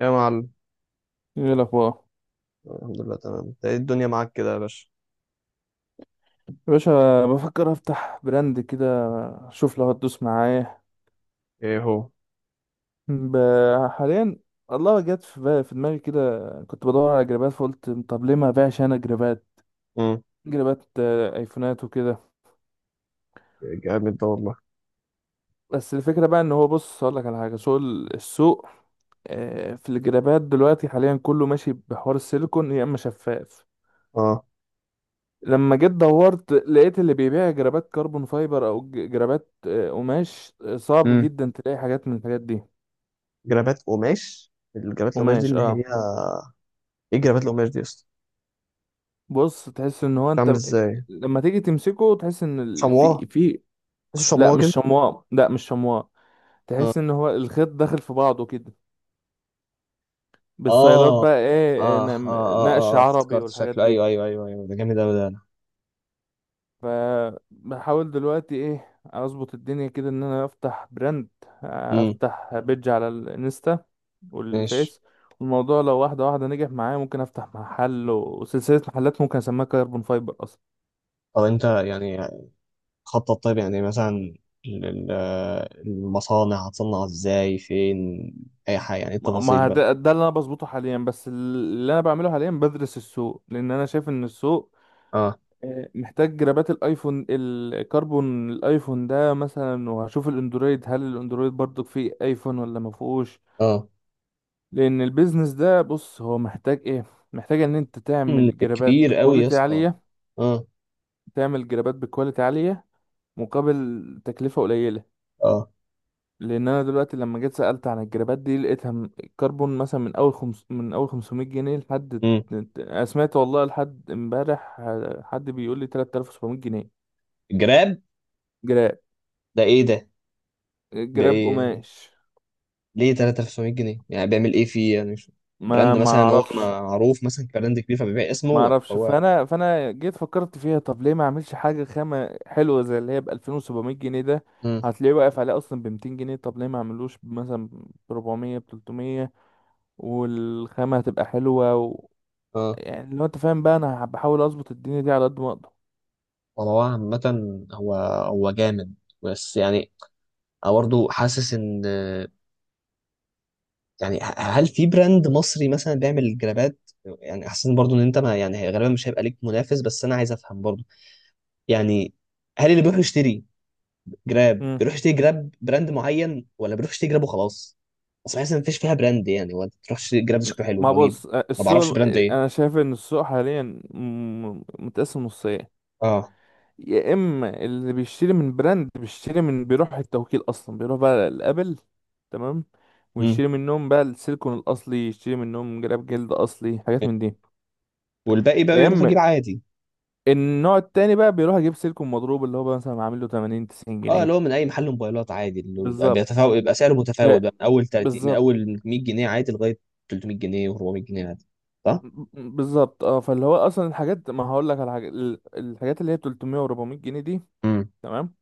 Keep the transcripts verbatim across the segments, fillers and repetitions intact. يا معلم. ايه الاخبار؟ الحمد لله، تمام. انت ايه الدنيا معاك كده يا باشا؟ يا باشا، بفكر افتح براند كده. اشوف لو هتدوس معايا. ايه هو؟ ب- حاليا. الله، جت في بالي- في دماغي كده. كنت بدور على جرابات، فقلت طب ليه ما ابيعش انا جرابات. امم. جرابات، آه، ايفونات وكده. جامد ده والله. بس الفكره بقى، ان هو، بص اقول لك على حاجه، سوق ال- السوق. آه، في الجرابات دلوقتي حاليا كله ماشي بحوار السيليكون، يا اما شفاف. اه. لما جيت دورت لقيت اللي بيبيع جرابات كربون فايبر او ج- جرابات آه، قماش، آه، صعب امم. جدا تلاقي حاجات من الحاجات دي. جرابات قماش، الجرابات القماش دي قماش، اللي هي اه. ايه جرابات القماش دي يا اسطى؟ بص، تحس ان هو بتعمل انت ازاي؟ لما تيجي تمسكه تحس ان ال- شمواه؟ في في. بس لا شمواه مش كده؟ شمواء، لا مش شمواء. اه تحس ان هو الخيط داخل في بعضه كده. بالصيلات اه بقى ايه، آه، اه اه نم- نقش اه اه، عربي افتكرت والحاجات شكله، دي. ايوه ايوه ايوه ايوه، ده جامد اوي ده، انا. فبحاول دلوقتي ايه اظبط الدنيا كده ان انا افتح براند، امم. افتح بيدج على الانستا ماشي. والفيس. والموضوع لو واحدة واحدة نجح معايا ممكن افتح محل وسلسلة محلات، ممكن اسميها كاربون فايبر. طب انت يعني خطط؟ طيب يعني مثلا ال- ال- المصانع هتصنع ازاي، فين؟ اي حاجه يعني، إيه ما التفاصيل ما بقى؟ ده, ده اللي انا بظبطه حاليا. بس اللي انا بعمله حاليا بدرس السوق، لان انا شايف ان السوق، اه آه، محتاج جرابات الايفون، الكربون الايفون ده مثلا. وهشوف الاندرويد، هل الاندرويد برضو فيه ايفون ولا ما فيهوش. اه، لان البيزنس ده، بص، هو محتاج ايه؟ محتاج ان انت مم، تعمل جرابات كبير قوي يا بكواليتي اسطى. عالية. اه تعمل جرابات بكواليتي عالية مقابل تكلفة قليلة. اه. لان انا دلوقتي لما جيت سالت عن الجرابات دي لقيتها م- الكربون مثلا، من اول خمس من اول خمسمائة جنيه لحد. امم. انا سمعت والله لحد امبارح، آه، حد بيقول لي ثلاثة آلاف وسبعمائة جنيه. جراب؟ جراب. ده ايه ده؟ ده جراب ايه يعني؟ قماش. ليه ثلاثة آلاف وسبعمائة جنيه؟ يعني بيعمل ايه فيه يعني؟ مش ما براند ما مثلا هو اعرفش. معروف، مثلا، كبراند كبير فبيبيع اسمه، ما ولا اعرفش. هو؟ فانا فانا جيت فكرت فيها، طب ليه ما اعملش حاجه خامه حلوه زي اللي هي ب ألفين وسبعمائة جنيه ده. امم. هتلاقيه واقف عليه اصلا ب ميتين جنيه، طب ليه ما اعملوش مثلا ب اربعمية، ب تلتمية والخامه هتبقى حلوه. اه. يعني لو انت فاهم بقى، انا بحاول اظبط الدنيا دي على قد ما اقدر. ولا هو عامة. هو هو جامد، بس يعني انا برضه حاسس ان، يعني ه- هل في براند مصري مثلا بيعمل جرابات؟ يعني حاسس برضه ان انت، ما يعني غالبا مش هيبقى ليك منافس، بس انا عايز افهم برضه. يعني هل اللي بيروح يشتري جراب امم. بيروح يشتري جراب براند معين، ولا بيروح يشتري جراب وخلاص؟ اصل بحس ان مفيش فيها براند يعني، ولا تروح تشتري جراب ده شكله حلو ما بجيبه. بص، ما بعرفش السوق، براند ايه. انا شايف ان السوق حاليا م- متقسم نصين. اه. يا اما اللي بيشتري من براند بيشتري من، بيروح التوكيل اصلا، بيروح بقى لابل، تمام، امم. ويشتري منهم بقى السيليكون الاصلي، يشتري منهم جراب جلد اصلي، حاجات من دي. والباقي بقى يا بيروح اما يجيب عادي. النوع التاني بقى بيروح يجيب سيليكون مضروب، اللي هو بقى مثلا عامل له تمانين 90 اه، اللي جنيه هو من اي محل موبايلات عادي، اللي بيبقى بالظبط. بيتفاوت، يبقى سعره ف- متفاوت بقى من اول تلاتين، من بالظبط. اول مية جنيه عادي لغايه تلتمية جنيه و400 جنيه عادي. صح؟ بالظبط، اه، فاللي هو اصلا الحاجات، ما هقول لك على حاجه، ال- الحاجات اللي هي تلتمية و400 جنيه دي، امم. تمام،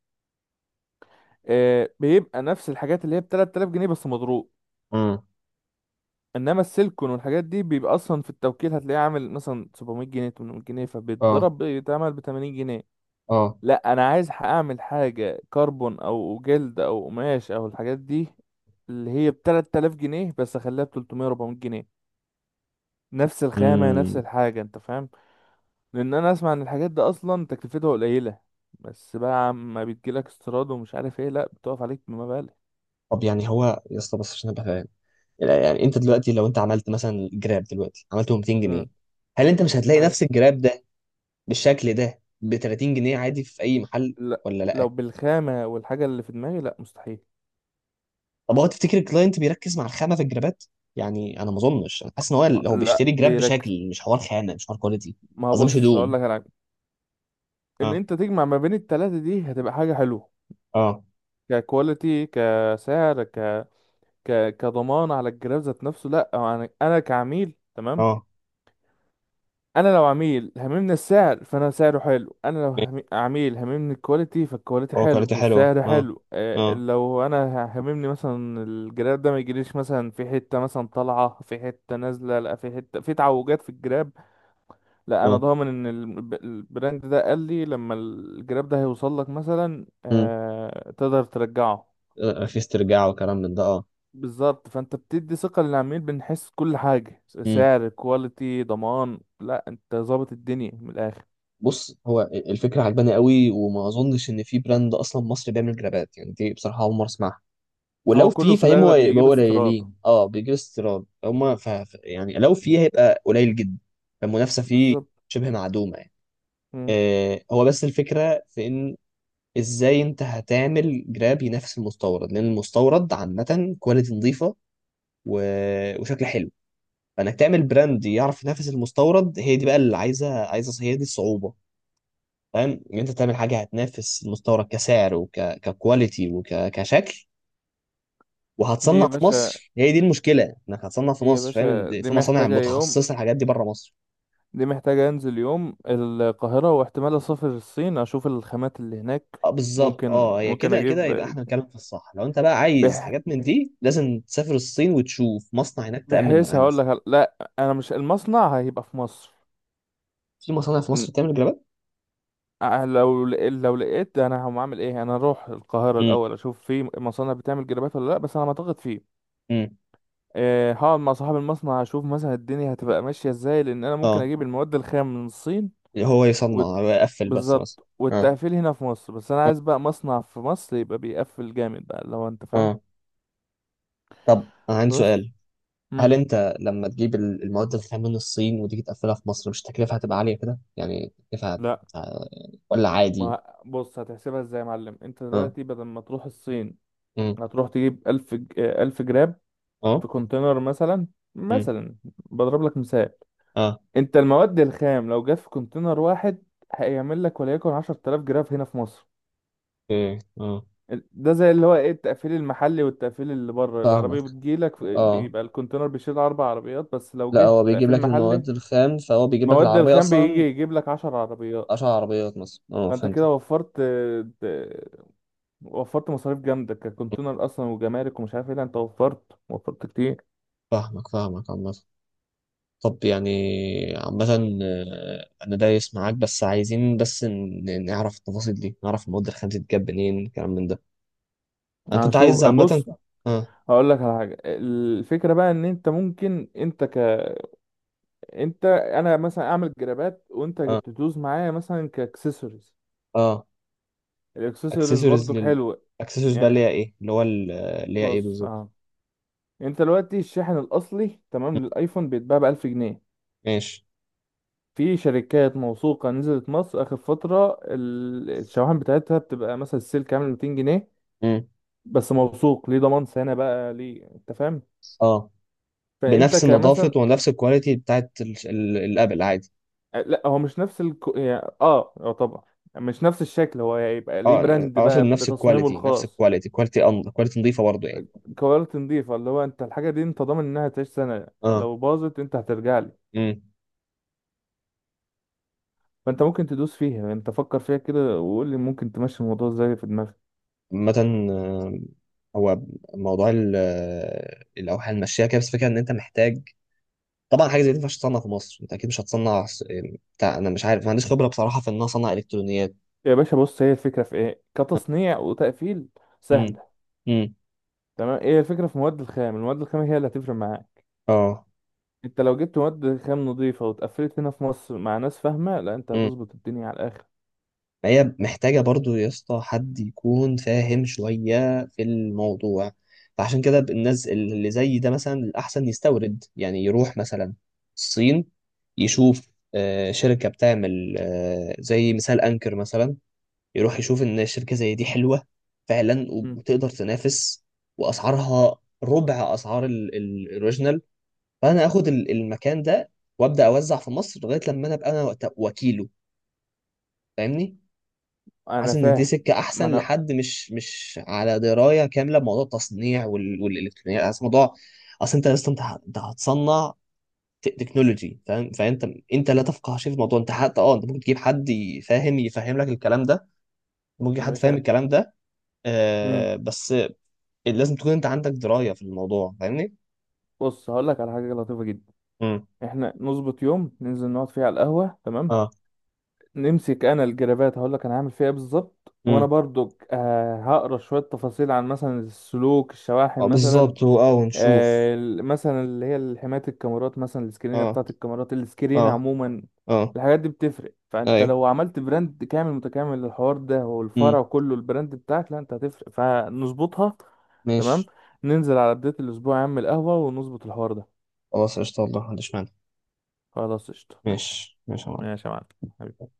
آه، بيبقى نفس الحاجات اللي هي ب ثلاثة آلاف جنيه بس مضروب. امم. انما السيلكون والحاجات دي بيبقى اصلا في التوكيل هتلاقيه عامل مثلا سبعمية جنيه ثمانمائة جنيه، اه فبيتضرب بيتعمل ب تمانين جنيه. اه. لا انا عايز اعمل حاجه كربون او جلد او قماش او الحاجات دي اللي هي ب تلات تلاف جنيه بس اخليها ب ثلاثمائة أربعمائة جنيه. نفس الخامه، نفس امم. الحاجه، انت فاهم. لان انا اسمع ان الحاجات دي اصلا تكلفتها قليله، بس بقى عم بتجيلك استيراد ومش عارف ايه، لا بتقف عليك بمبالغ. طب يعني هو يا اسطى، بس عشان ابقى فاهم، لا، يعني انت دلوقتي لو انت عملت مثلا جراب دلوقتي عملته 200 امم. جنيه هل انت مش هتلاقي حلو. نفس الجراب ده بالشكل ده ب تلاتين جنيه عادي في اي محل، لا ولا لو لا؟ بالخامه والحاجه اللي في دماغي، لا مستحيل. طب هو تفتكر الكلاينت بيركز مع الخامه في الجرابات؟ يعني انا ما اظنش، انا حاسس ان هو هو لا بيشتري جراب بيركز. بشكل، مش حوار خامه، مش حوار كواليتي. ما هو قصدي مش بص، هقول هدوم. لك على حاجه، ان اه انت تجمع ما بين التلاته دي هتبقى حاجه حلوه. اه ككواليتي، كسعر، ك... ك كضمان على الجهاز ذات نفسه. لا، أو انا انا كعميل، تمام. اه. انا لو عميل هممني السعر، فانا سعره حلو. انا لو ماشي. هم- عميل هممني الكواليتي، فالكواليتي هو حلو كواليتي حلوه والسعر اه. حلو. آه، اه لو انا هممني مثلا الجراب ده ما يجيليش مثلا في حتة مثلا طالعة، في حتة نازلة، لا في حتة، في تعوجات في الجراب. لا انا اه. ضامن ان الب- البراند ده قال لي لما الجراب ده هيوصل لك مثلا، امم. آه، تقدر ترجعه. في استرجاع وكلام من ده. بالظبط، فانت بتدي ثقة للعميل، بنحس كل حاجة، اه، سعر كواليتي ضمان، لا انت ظابط الدنيا من الاخر. بص، هو الفكره عجباني قوي، وما اظنش ان في براند اصلا مصري بيعمل جرابات، يعني دي بصراحه اول مره اسمعها. ولو هو كله في، في فاهم، هو الأغلب يبقى بيجيب هو استيراد. قليلين، اه، بيجيب استيراد هما، ف... ف- يعني لو في هيبقى قليل جدا. فالمنافسه فيه بالظبط. شبه معدومه يعني. مم. آه، هو بس الفكره في ان، ازاي انت هتعمل جراب ينافس المستورد؟ لان المستورد عامه كواليتي نظيفه و... وشكل حلو. فانك تعمل براند يعرف ينافس المستورد، هي دي بقى اللي عايزه عايزه، هي دي الصعوبه. فاهم، ان انت تعمل حاجه هتنافس المستورد كسعر وككواليتي وكشكل، دي يا وهتصنع في باشا. مصر، هي دي المشكله. انك هتصنع في دي يا مصر، فاهم باشا، إن دي في مصانع محتاجة يوم. متخصصه الحاجات دي بره مصر. دي محتاجة أنزل يوم القاهرة، واحتمال أسافر الصين أشوف الخامات اللي هناك. اه بالظبط. ممكن اه، هي ممكن كده كده أجيب. يبقى احنا بنتكلم في الصح. لو انت بقى عايز بح... حاجات من دي لازم تسافر الصين وتشوف مصنع هناك، تامن بحيث معاه هقول مثلا. لك، لا، أنا مش، المصنع هيبقى في مصر. في مصانع في ن- مصر بتعمل جرابات؟ أه، لو لق- لو لقيت، أنا هقوم أعمل إيه؟ أنا أروح القاهرة امم. الأول أشوف في مصانع بتعمل جرابات ولا لأ، بس أنا ما أعتقد فيه. امم. آه، هقعد مع صاحب المصنع اشوف مثلا الدنيا هتبقى ماشيه ازاي، لان انا ممكن اه، اجيب المواد الخام من الصين. هو يصنع، وت... هو يقفل بس مثلا. بالظبط، اه والتقفيل هنا في مصر، بس انا اه. عايز بقى مصنع في مصر يبقى بيقفل جامد بقى، لو انت فاهم. آه. طب انا عندي بص. سؤال، هل امم. انت لما تجيب ال- المواد الخام من الصين، وتيجي تقفلها في مصر، مش التكلفه هتبقى عاليه كده؟ يعني التكلفه هت- لا، ولا عادي؟ ما بص، هتحسبها ازاي يا معلم؟ انت اه. دلوقتي بدل ما تروح الصين امم. هتروح تجيب الف ج- آه، الف جرام اه. في كونتينر مثلا. امم. مثلا، بضرب لك مثال. اه. انت المواد الخام لو جت في كونتينر واحد هيعمل لك وليكن عشر تلاف جرام هنا في مصر. ايه اه. ده زي اللي هو ايه، التقفيل المحلي والتقفيل اللي بره، فاهمك. العربية بتجيلك في- اه، بيبقى الكونتينر بيشيل اربع عربيات بس، لو لا جه هو بيجيب تقفيل لك محلي. المواد الخام، فهو بيجيب لك مواد العربيه الخام بيجي اصلا. يجيب لك عشر عربيات. اشهر عربيات مصر، اه، فانت فهمت. كده وفرت، ت- وفرت مصاريف جامدة ككونتينر اصلا، وجمارك ومش عارف ايه، لا انت وفرت وفرت كتير. فاهمك، فاهمك. عامة، طب يعني، عامة، آه، أنا دايس معاك، بس عايزين بس ن- ن- نعرف التفاصيل دي، نعرف المواد الخام دي بتتجاب منين، الكلام من ده. أنا كنت عايز هشوف. عامة. بص، آه. هقول لك على حاجة، الفكرة بقى ان انت ممكن انت. ك انت انا مثلا اعمل جرابات وانت آه. تدوس معايا مثلا كاكسسوارز. آه. الاكسسوارز اكسسوارز برضو لل، حلوة. اكسسوارز بقى اللي يعني هي ايه، اللي هو ال- اللي هي ايه بص، بالظبط؟ اه، انت دلوقتي الشاحن الاصلي مم. تمام للايفون بيتباع ب الف جنيه. ماشي. في شركات موثوقه نزلت مصر اخر فتره ال- الشواحن بتاعتها بتبقى مثلا السيل كامل ميتين جنيه. مم. بس موثوق، ليه ضمان سنه، بقى ليه انت فاهم. اه، فانت بنفس النظافة كمثلا، ونفس الكواليتي بتاعت ال- ال- الابل عادي؟ آه، لا هو مش نفس الكو... يعني، اه اه، طبعا مش نفس الشكل، هو هيبقى ليه اه، براند اقصد بقى نفس بتصميمه الكواليتي، نفس الخاص. الكواليتي، كواليتي أن... كواليتي نظيفة برضه يعني. كواليتي نضيفه، اللي هو انت الحاجه دي انت ضامن انها تعيش سنه، اه. لو باظت انت هترجع. مم. فانت ممكن تدوس فيها يعني، انت فكر فيها كده وقول لي ممكن تمشي الموضوع ازاي في دماغك. عامة، آه، هو موضوع ال- آه، الأوحال المشية كده، بس الفكرة إن أنت محتاج، طبعا حاجة زي دي ما ينفعش تصنع في مصر. أنت أكيد مش هتصنع س- بتاع، أنا مش عارف، ما عنديش خبرة بصراحة في إن أنا أصنع إلكترونيات. يا باشا، بص، هي الفكره في ايه؟ كتصنيع وتقفيل، امم. سهله. امم. تمام، ايه الفكره في مواد الخام؟ المواد الخام هي اللي هتفرق معاك. اه. انت لو جبت مواد خام نظيفه واتقفلت هنا في مصر مع ناس فاهمه، لا انت هتظبط الدنيا على الاخر. فهي محتاجة برضو يا اسطى حد يكون فاهم شوية في الموضوع. فعشان كده الناس اللي زي ده مثلا الأحسن يستورد، يعني يروح مثلا الصين، يشوف آه، شركة بتعمل آه، زي مثال أنكر مثلا، يروح يشوف إن الشركة زي دي حلوة فعلا، مم. وتقدر تنافس، وأسعارها ربع أسعار ال- ال- الأوريجينال. فأنا آخد ال- المكان ده، وأبدأ أوزع في مصر لغاية لما أنا أبقى أنا وقت- وكيله. فاهمني؟ انا حاسس ان دي فاهم. سكه ما احسن، انا. لحد مش مش على درايه كامله بموضوع التصنيع وال... والالكترونيات، حاسس موضوع. اصل انت لسه انت ه- انت هتصنع ت- تكنولوجي، فاهم؟ فانت، انت لا تفقه شيء في الموضوع، انت حتى اه انت ممكن تجيب حد يفهم، يفهم لك الكلام ده، ممكن تجيب حد مش فاهم ه- الكلام ده. مم. آه بس لازم تكون انت عندك درايه في الموضوع، فاهمني؟ بص، هقول لك على حاجه لطيفه جدا. امم. احنا نظبط يوم ننزل نقعد فيه على القهوه، تمام، اه. نمسك انا الجرابات هقول لك انا هعمل فيها ايه بالظبط. وانا امم. برضو آه، هقرا شويه تفاصيل عن مثلا السلوك، الشواحن آه مثلا. بالظبط، و- اه، ونشوف. آه، ال- مثلا اللي هي حمايه الكاميرات، مثلا السكرينه اه بتاعه الكاميرات، السكرينه اه عموما. اه. الحاجات دي بتفرق، فانت ايوه. لو عملت براند كامل متكامل للحوار ده امم. والفرع كله البراند بتاعك، لا انت هتفرق، فنظبطها. تمام. ماشي. ننزل على بدايه الاسبوع يا عم القهوه ونظبط الحوار ده. خلاص قشطه، والله ما عنديش مانع. خلاص قشطه، ماشي. ماشي ماشي يا معلم. ماشي يا معلم، حبيبي.